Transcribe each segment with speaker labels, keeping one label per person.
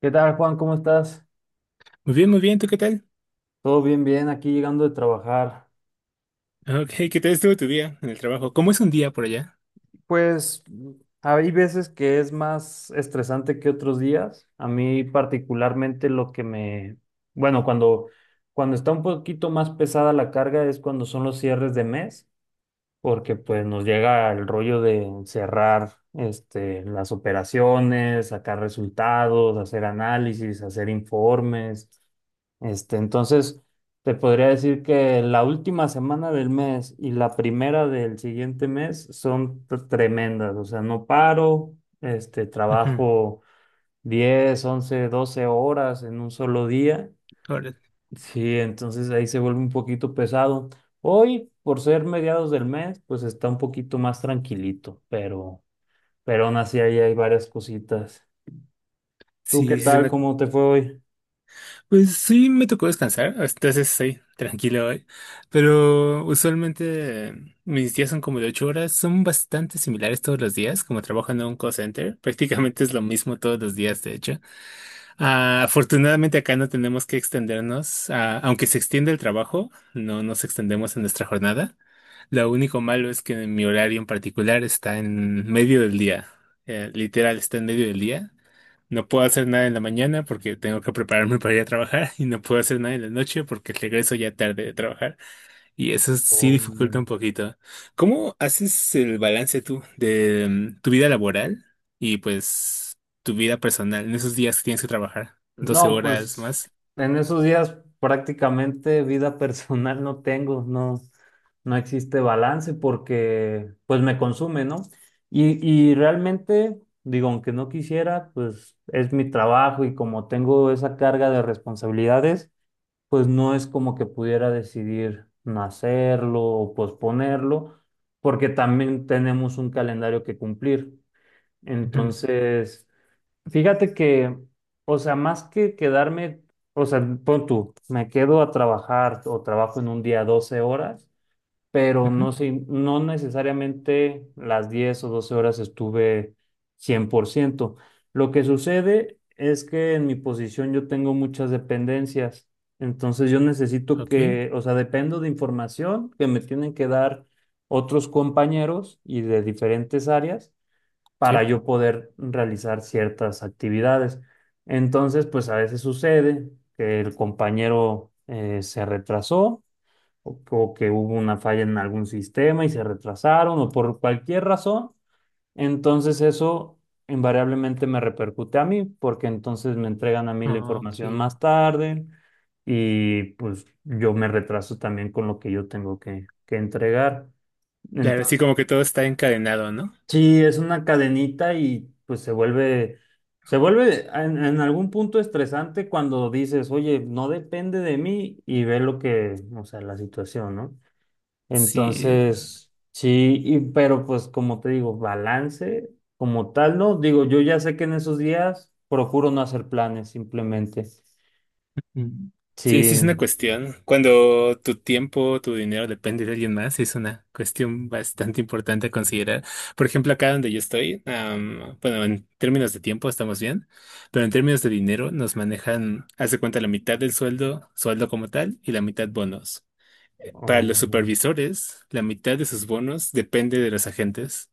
Speaker 1: ¿Qué tal, Juan? ¿Cómo estás?
Speaker 2: Muy bien, ¿tú qué tal?
Speaker 1: Todo bien, bien, aquí llegando de trabajar.
Speaker 2: Ah, Ok, ¿qué tal estuvo tu día en el trabajo? ¿Cómo es un día por allá?
Speaker 1: Pues hay veces que es más estresante que otros días. A mí particularmente lo que me... Bueno, cuando está un poquito más pesada la carga es cuando son los cierres de mes, porque pues nos llega el rollo de cerrar este, las operaciones, sacar resultados, hacer análisis, hacer informes. Este, entonces, te podría decir que la última semana del mes y la primera del siguiente mes son tremendas, o sea, no paro, este,
Speaker 2: Ujú,
Speaker 1: trabajo 10 11 12 horas en un solo día.
Speaker 2: órale.
Speaker 1: Sí, entonces ahí se vuelve un poquito pesado. Hoy, por ser mediados del mes, pues está un poquito más tranquilito, pero aún así ahí hay varias cositas. ¿Tú qué
Speaker 2: Sí, sí,
Speaker 1: tal?
Speaker 2: suena-
Speaker 1: ¿Cómo te fue hoy?
Speaker 2: Pues sí, me tocó descansar, entonces estoy tranquilo hoy. Pero usualmente mis días son como de 8 horas, son bastante similares todos los días, como trabajo en un call center, prácticamente es lo mismo todos los días, de hecho. Ah, afortunadamente acá no tenemos que extendernos, aunque se extiende el trabajo, no nos extendemos en nuestra jornada. Lo único malo es que en mi horario en particular está en medio del día. Literal, está en medio del día. No puedo hacer nada en la mañana porque tengo que prepararme para ir a trabajar y no puedo hacer nada en la noche porque regreso ya tarde de trabajar, y eso sí dificulta
Speaker 1: Oh,
Speaker 2: un poquito. ¿Cómo haces el balance tú de tu vida laboral y pues tu vida personal en esos días que tienes que trabajar doce
Speaker 1: no,
Speaker 2: horas
Speaker 1: pues
Speaker 2: más.
Speaker 1: en esos días prácticamente vida personal no tengo, no, no existe balance porque pues me consume, ¿no? Y realmente, digo, aunque no quisiera, pues es mi trabajo y como tengo esa carga de responsabilidades, pues no es como que pudiera decidir no hacerlo o posponerlo, porque también tenemos un calendario que cumplir.
Speaker 2: Ujú,
Speaker 1: Entonces... Fíjate que, o sea, más que quedarme, o sea, pon tú, me quedo a trabajar o trabajo en un día 12 horas, pero
Speaker 2: ujú.
Speaker 1: no sé, no necesariamente las 10 o 12 horas estuve 100%. Lo que sucede es que en mi posición yo tengo muchas dependencias, entonces yo necesito
Speaker 2: Ok,
Speaker 1: que, o sea, dependo de información que me tienen que dar otros compañeros y de diferentes áreas para
Speaker 2: sí.
Speaker 1: yo poder realizar ciertas actividades. Entonces, pues a veces sucede que el compañero se retrasó o que hubo una falla en algún sistema y se retrasaron o por cualquier razón. Entonces eso invariablemente me repercute a mí porque entonces me entregan a mí la información
Speaker 2: Ok.
Speaker 1: más tarde y pues yo me retraso también con lo que yo tengo que entregar.
Speaker 2: Claro, sí,
Speaker 1: Entonces...
Speaker 2: como que todo está encadenado, ¿no?
Speaker 1: Sí, es una cadenita y pues se vuelve en algún punto estresante cuando dices, oye, no depende de mí y ve lo que, o sea, la situación, ¿no?
Speaker 2: Sí.
Speaker 1: Entonces, sí, y, pero pues como te digo, balance como tal, ¿no? Digo, yo ya sé que en esos días procuro no hacer planes, simplemente.
Speaker 2: mm, Sí, sí es
Speaker 1: Sí,
Speaker 2: una cuestión. Cuando tu tiempo, tu dinero depende de alguien más, es una cuestión bastante importante a considerar. Por ejemplo, acá donde yo estoy, bueno, en términos de tiempo estamos bien, pero en términos de dinero nos manejan, hace cuenta, la mitad del sueldo, sueldo como tal, y la mitad bonos. Para los
Speaker 1: oh,
Speaker 2: supervisores, la mitad de sus bonos depende de los agentes.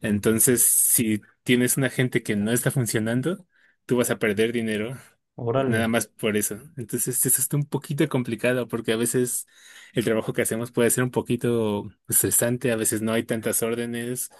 Speaker 2: Entonces, si tienes una gente que no está funcionando, tú vas a perder dinero,
Speaker 1: órale,
Speaker 2: nada más por eso. Entonces, eso está un poquito complicado porque a veces el trabajo que hacemos puede ser un poquito estresante, a veces no hay tantas órdenes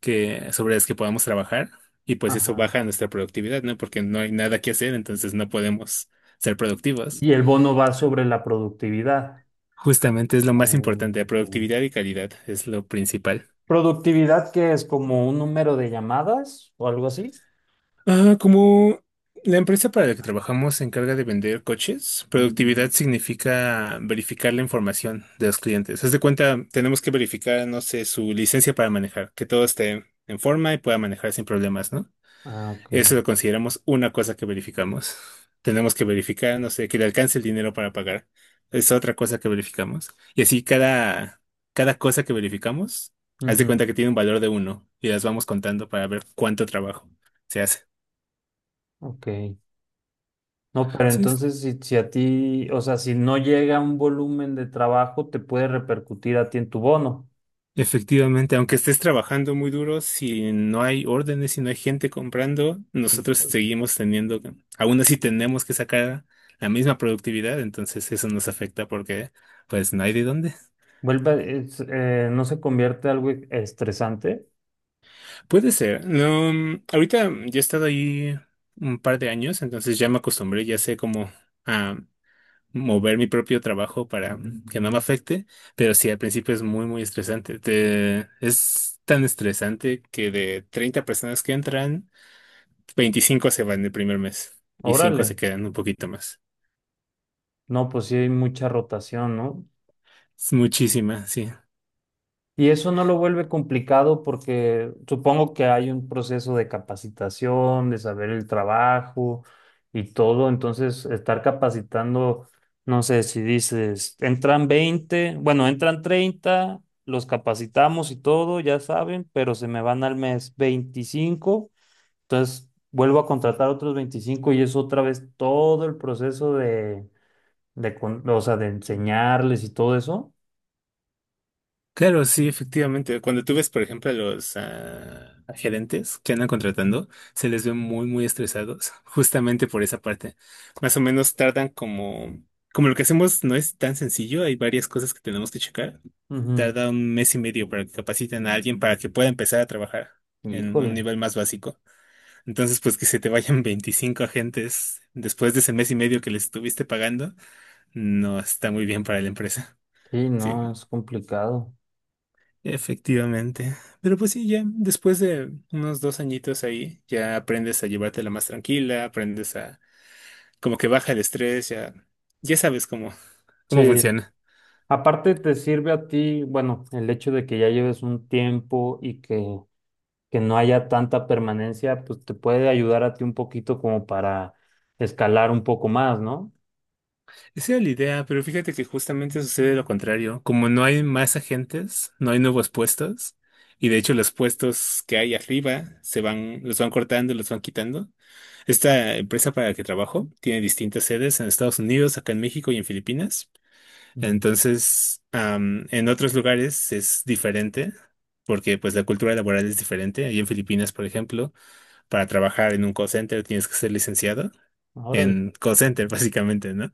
Speaker 2: que, sobre las que podamos trabajar, y pues eso
Speaker 1: ajá.
Speaker 2: baja nuestra productividad, ¿no? Porque no hay nada que hacer, entonces no podemos ser productivos.
Speaker 1: Y el bono va sobre la productividad.
Speaker 2: Justamente es lo más
Speaker 1: Oh,
Speaker 2: importante, la
Speaker 1: ok.
Speaker 2: productividad y calidad es lo principal.
Speaker 1: ¿Productividad que es como un número de llamadas o algo así?
Speaker 2: Ah, como la empresa para la que trabajamos se encarga de vender coches, productividad significa verificar la información de los clientes. Haz de cuenta, tenemos que verificar, no sé, su licencia para manejar, que todo esté en forma y pueda manejar sin problemas, ¿no?
Speaker 1: Ah, ok.
Speaker 2: Eso lo consideramos una cosa que verificamos. Tenemos que verificar, no sé, que le alcance el dinero para pagar. Es otra cosa que verificamos. Y así cada, cada cosa que verificamos, haz de
Speaker 1: Ujú,
Speaker 2: cuenta que tiene un valor de uno y las vamos contando para ver cuánto trabajo se hace.
Speaker 1: ok. No, pero
Speaker 2: Sí,
Speaker 1: entonces si a ti, o sea, si no llega un volumen de trabajo, te puede repercutir a ti en tu bono.
Speaker 2: efectivamente, aunque estés trabajando muy duro, si no hay órdenes, si no hay gente comprando,
Speaker 1: Y
Speaker 2: nosotros seguimos teniendo, aún así tenemos que sacar la misma productividad, entonces eso nos afecta porque pues no hay de dónde.
Speaker 1: vuelve, no se convierte algo estresante.
Speaker 2: Puede ser. No, ahorita yo he estado ahí un par de años, entonces ya me acostumbré, ya sé cómo a mover mi propio trabajo para que no me afecte, pero sí, al principio es muy, muy estresante. Es tan estresante que de 30 personas que entran, veinticinco se van el primer mes y 5 se
Speaker 1: Órale.
Speaker 2: quedan un poquito más.
Speaker 1: No, pues sí hay mucha rotación, ¿no?
Speaker 2: Es muchísima, sí.
Speaker 1: Y eso no lo vuelve complicado porque supongo que hay un proceso de capacitación, de saber el trabajo y todo. Entonces, estar capacitando, no sé si dices, entran 20 bueno, entran 30 los capacitamos y todo, ya saben, pero se me van al mes 25. Entonces, vuelvo a contratar otros 25 y es otra vez todo el proceso o sea, de enseñarles y todo eso.
Speaker 2: Claro, sí, efectivamente. Cuando tú ves, por ejemplo, a gerentes que andan contratando, se les ve muy, muy estresados, justamente por esa parte. Más o menos tardan como, como lo que hacemos no es tan sencillo, hay varias cosas que tenemos que checar.
Speaker 1: Ujú.
Speaker 2: Tarda un mes y medio para que capaciten a alguien para que pueda empezar a trabajar en un
Speaker 1: Híjole.
Speaker 2: nivel más básico. Entonces, pues que se te vayan 25 agentes después de ese mes y medio que les estuviste pagando, no está muy bien para la empresa.
Speaker 1: Sí, no,
Speaker 2: Sí,
Speaker 1: es complicado.
Speaker 2: efectivamente. Pero pues sí, ya después de unos 2 añitos ahí, ya aprendes a llevártela más tranquila, aprendes a como que baja el estrés, ya, ya sabes cómo, cómo
Speaker 1: Sí,
Speaker 2: funciona.
Speaker 1: aparte te sirve a ti, bueno, el hecho de que ya lleves un tiempo y que no haya tanta permanencia, pues te puede ayudar a ti un poquito como para escalar un poco más, ¿no?
Speaker 2: Esa era la idea, pero fíjate que justamente sucede lo contrario. Como no hay más agentes, no hay nuevos puestos, y de hecho los puestos que hay arriba se van, los van cortando, los van quitando. Esta empresa para la que trabajo tiene distintas sedes en Estados Unidos, acá en México y en Filipinas.
Speaker 1: Mm.
Speaker 2: Entonces, am, en otros lugares es diferente, porque pues la cultura laboral es diferente. Ahí en Filipinas, por ejemplo, para trabajar en un call center tienes que ser licenciado
Speaker 1: Órale.
Speaker 2: en call center, básicamente, ¿no?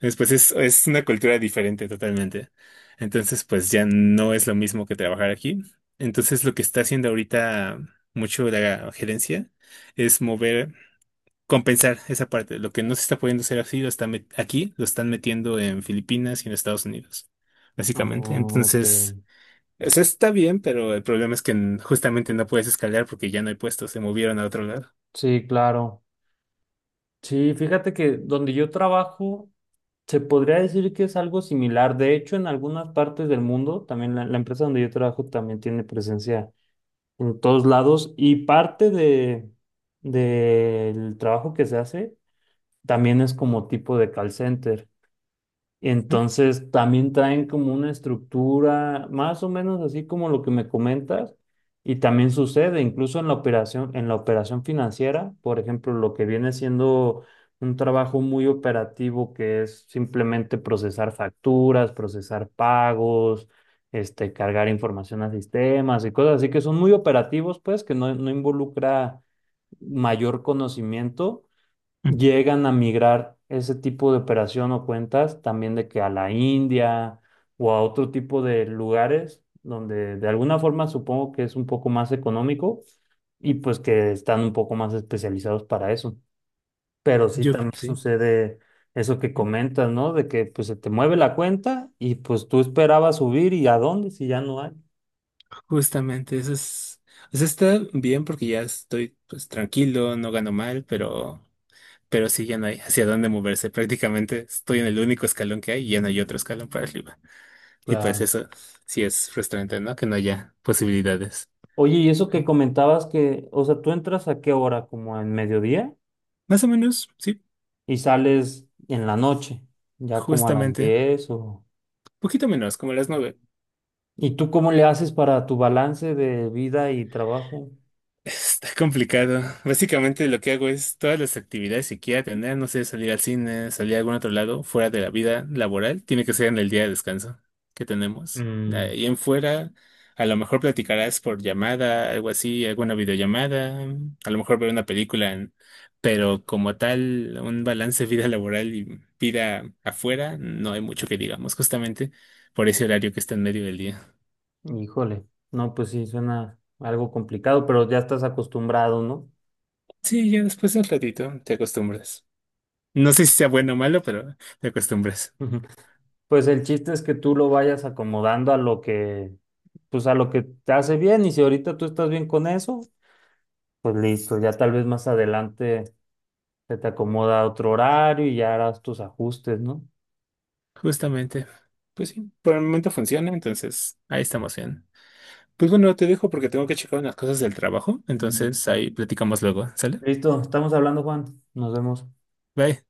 Speaker 2: Entonces, pues es una cultura diferente totalmente. Entonces, pues ya no es lo mismo que trabajar aquí. Entonces, lo que está haciendo ahorita mucho la gerencia es mover, compensar esa parte. Lo que no se está pudiendo hacer así, lo están aquí, lo están metiendo en Filipinas y en Estados Unidos, básicamente.
Speaker 1: Oh, ok.
Speaker 2: Entonces, o sea, está bien, pero el problema es que justamente no puedes escalar porque ya no hay puestos, se movieron a otro lado.
Speaker 1: Sí, claro. Sí, fíjate que donde yo trabajo, se podría decir que es algo similar. De hecho, en algunas partes del mundo, también la empresa donde yo trabajo también tiene presencia en todos lados y parte de del trabajo que se hace también es como tipo de call center. Entonces también traen como una estructura más o menos así como lo que me comentas y también sucede incluso en la operación financiera, por ejemplo, lo que viene siendo un trabajo muy operativo que es simplemente procesar facturas, procesar pagos, este cargar información a sistemas y cosas así que son muy operativos, pues que no involucra mayor conocimiento.
Speaker 2: Mm,
Speaker 1: Llegan a migrar ese tipo de operación o cuentas también de que a la India o a otro tipo de lugares donde de alguna forma supongo que es un poco más económico y pues que están un poco más especializados para eso. Pero sí
Speaker 2: Yo creo
Speaker 1: también
Speaker 2: que sí,
Speaker 1: sucede eso que comentas, ¿no? De que pues se te mueve la cuenta y pues tú esperabas subir y a dónde si ya no hay.
Speaker 2: justamente eso es, o sea, está bien porque ya estoy pues tranquilo, no gano mal, pero sí ya no hay hacia dónde moverse. Prácticamente estoy en el único escalón que hay y ya no hay otro escalón para arriba. Y pues
Speaker 1: Claro.
Speaker 2: eso sí es frustrante, ¿no? Que no haya posibilidades.
Speaker 1: Oye, y eso que
Speaker 2: ¿Sí?
Speaker 1: comentabas que, o sea, ¿tú entras a qué hora? ¿Como en mediodía?
Speaker 2: Más o menos, sí,
Speaker 1: Y sales en la noche, ya como a las
Speaker 2: justamente.
Speaker 1: 10 o...
Speaker 2: Poquito menos, como las 9.
Speaker 1: ¿Y tú cómo le haces para tu balance de vida y trabajo?
Speaker 2: Está complicado. Básicamente lo que hago es todas las actividades que quiera tener, no sé, salir al cine, salir a algún otro lado, fuera de la vida laboral, tiene que ser en el día de descanso que tenemos.
Speaker 1: Mm,
Speaker 2: Y en fuera, a lo mejor platicarás por llamada, algo así, alguna videollamada, a lo mejor ver una película, en- pero como tal, un balance vida laboral y vida afuera, no hay mucho que digamos, justamente por ese horario que está en medio del día.
Speaker 1: híjole, no, pues sí, suena algo complicado, pero ya estás acostumbrado, ¿no?
Speaker 2: Sí, ya después de un ratito te acostumbras. No sé si sea bueno o malo, pero te acostumbras.
Speaker 1: Ujú. Pues el chiste es que tú lo vayas acomodando a lo que, pues a lo que te hace bien y si ahorita tú estás bien con eso, pues listo, ya tal vez más adelante se te acomoda otro horario y ya harás tus ajustes, ¿no?
Speaker 2: Justamente. Pues sí, por el momento funciona, entonces ahí estamos bien. Pues bueno, te dejo porque tengo que checar unas cosas del trabajo, entonces ahí platicamos luego, ¿sale?
Speaker 1: Listo, estamos hablando, Juan. Nos vemos.
Speaker 2: Bye.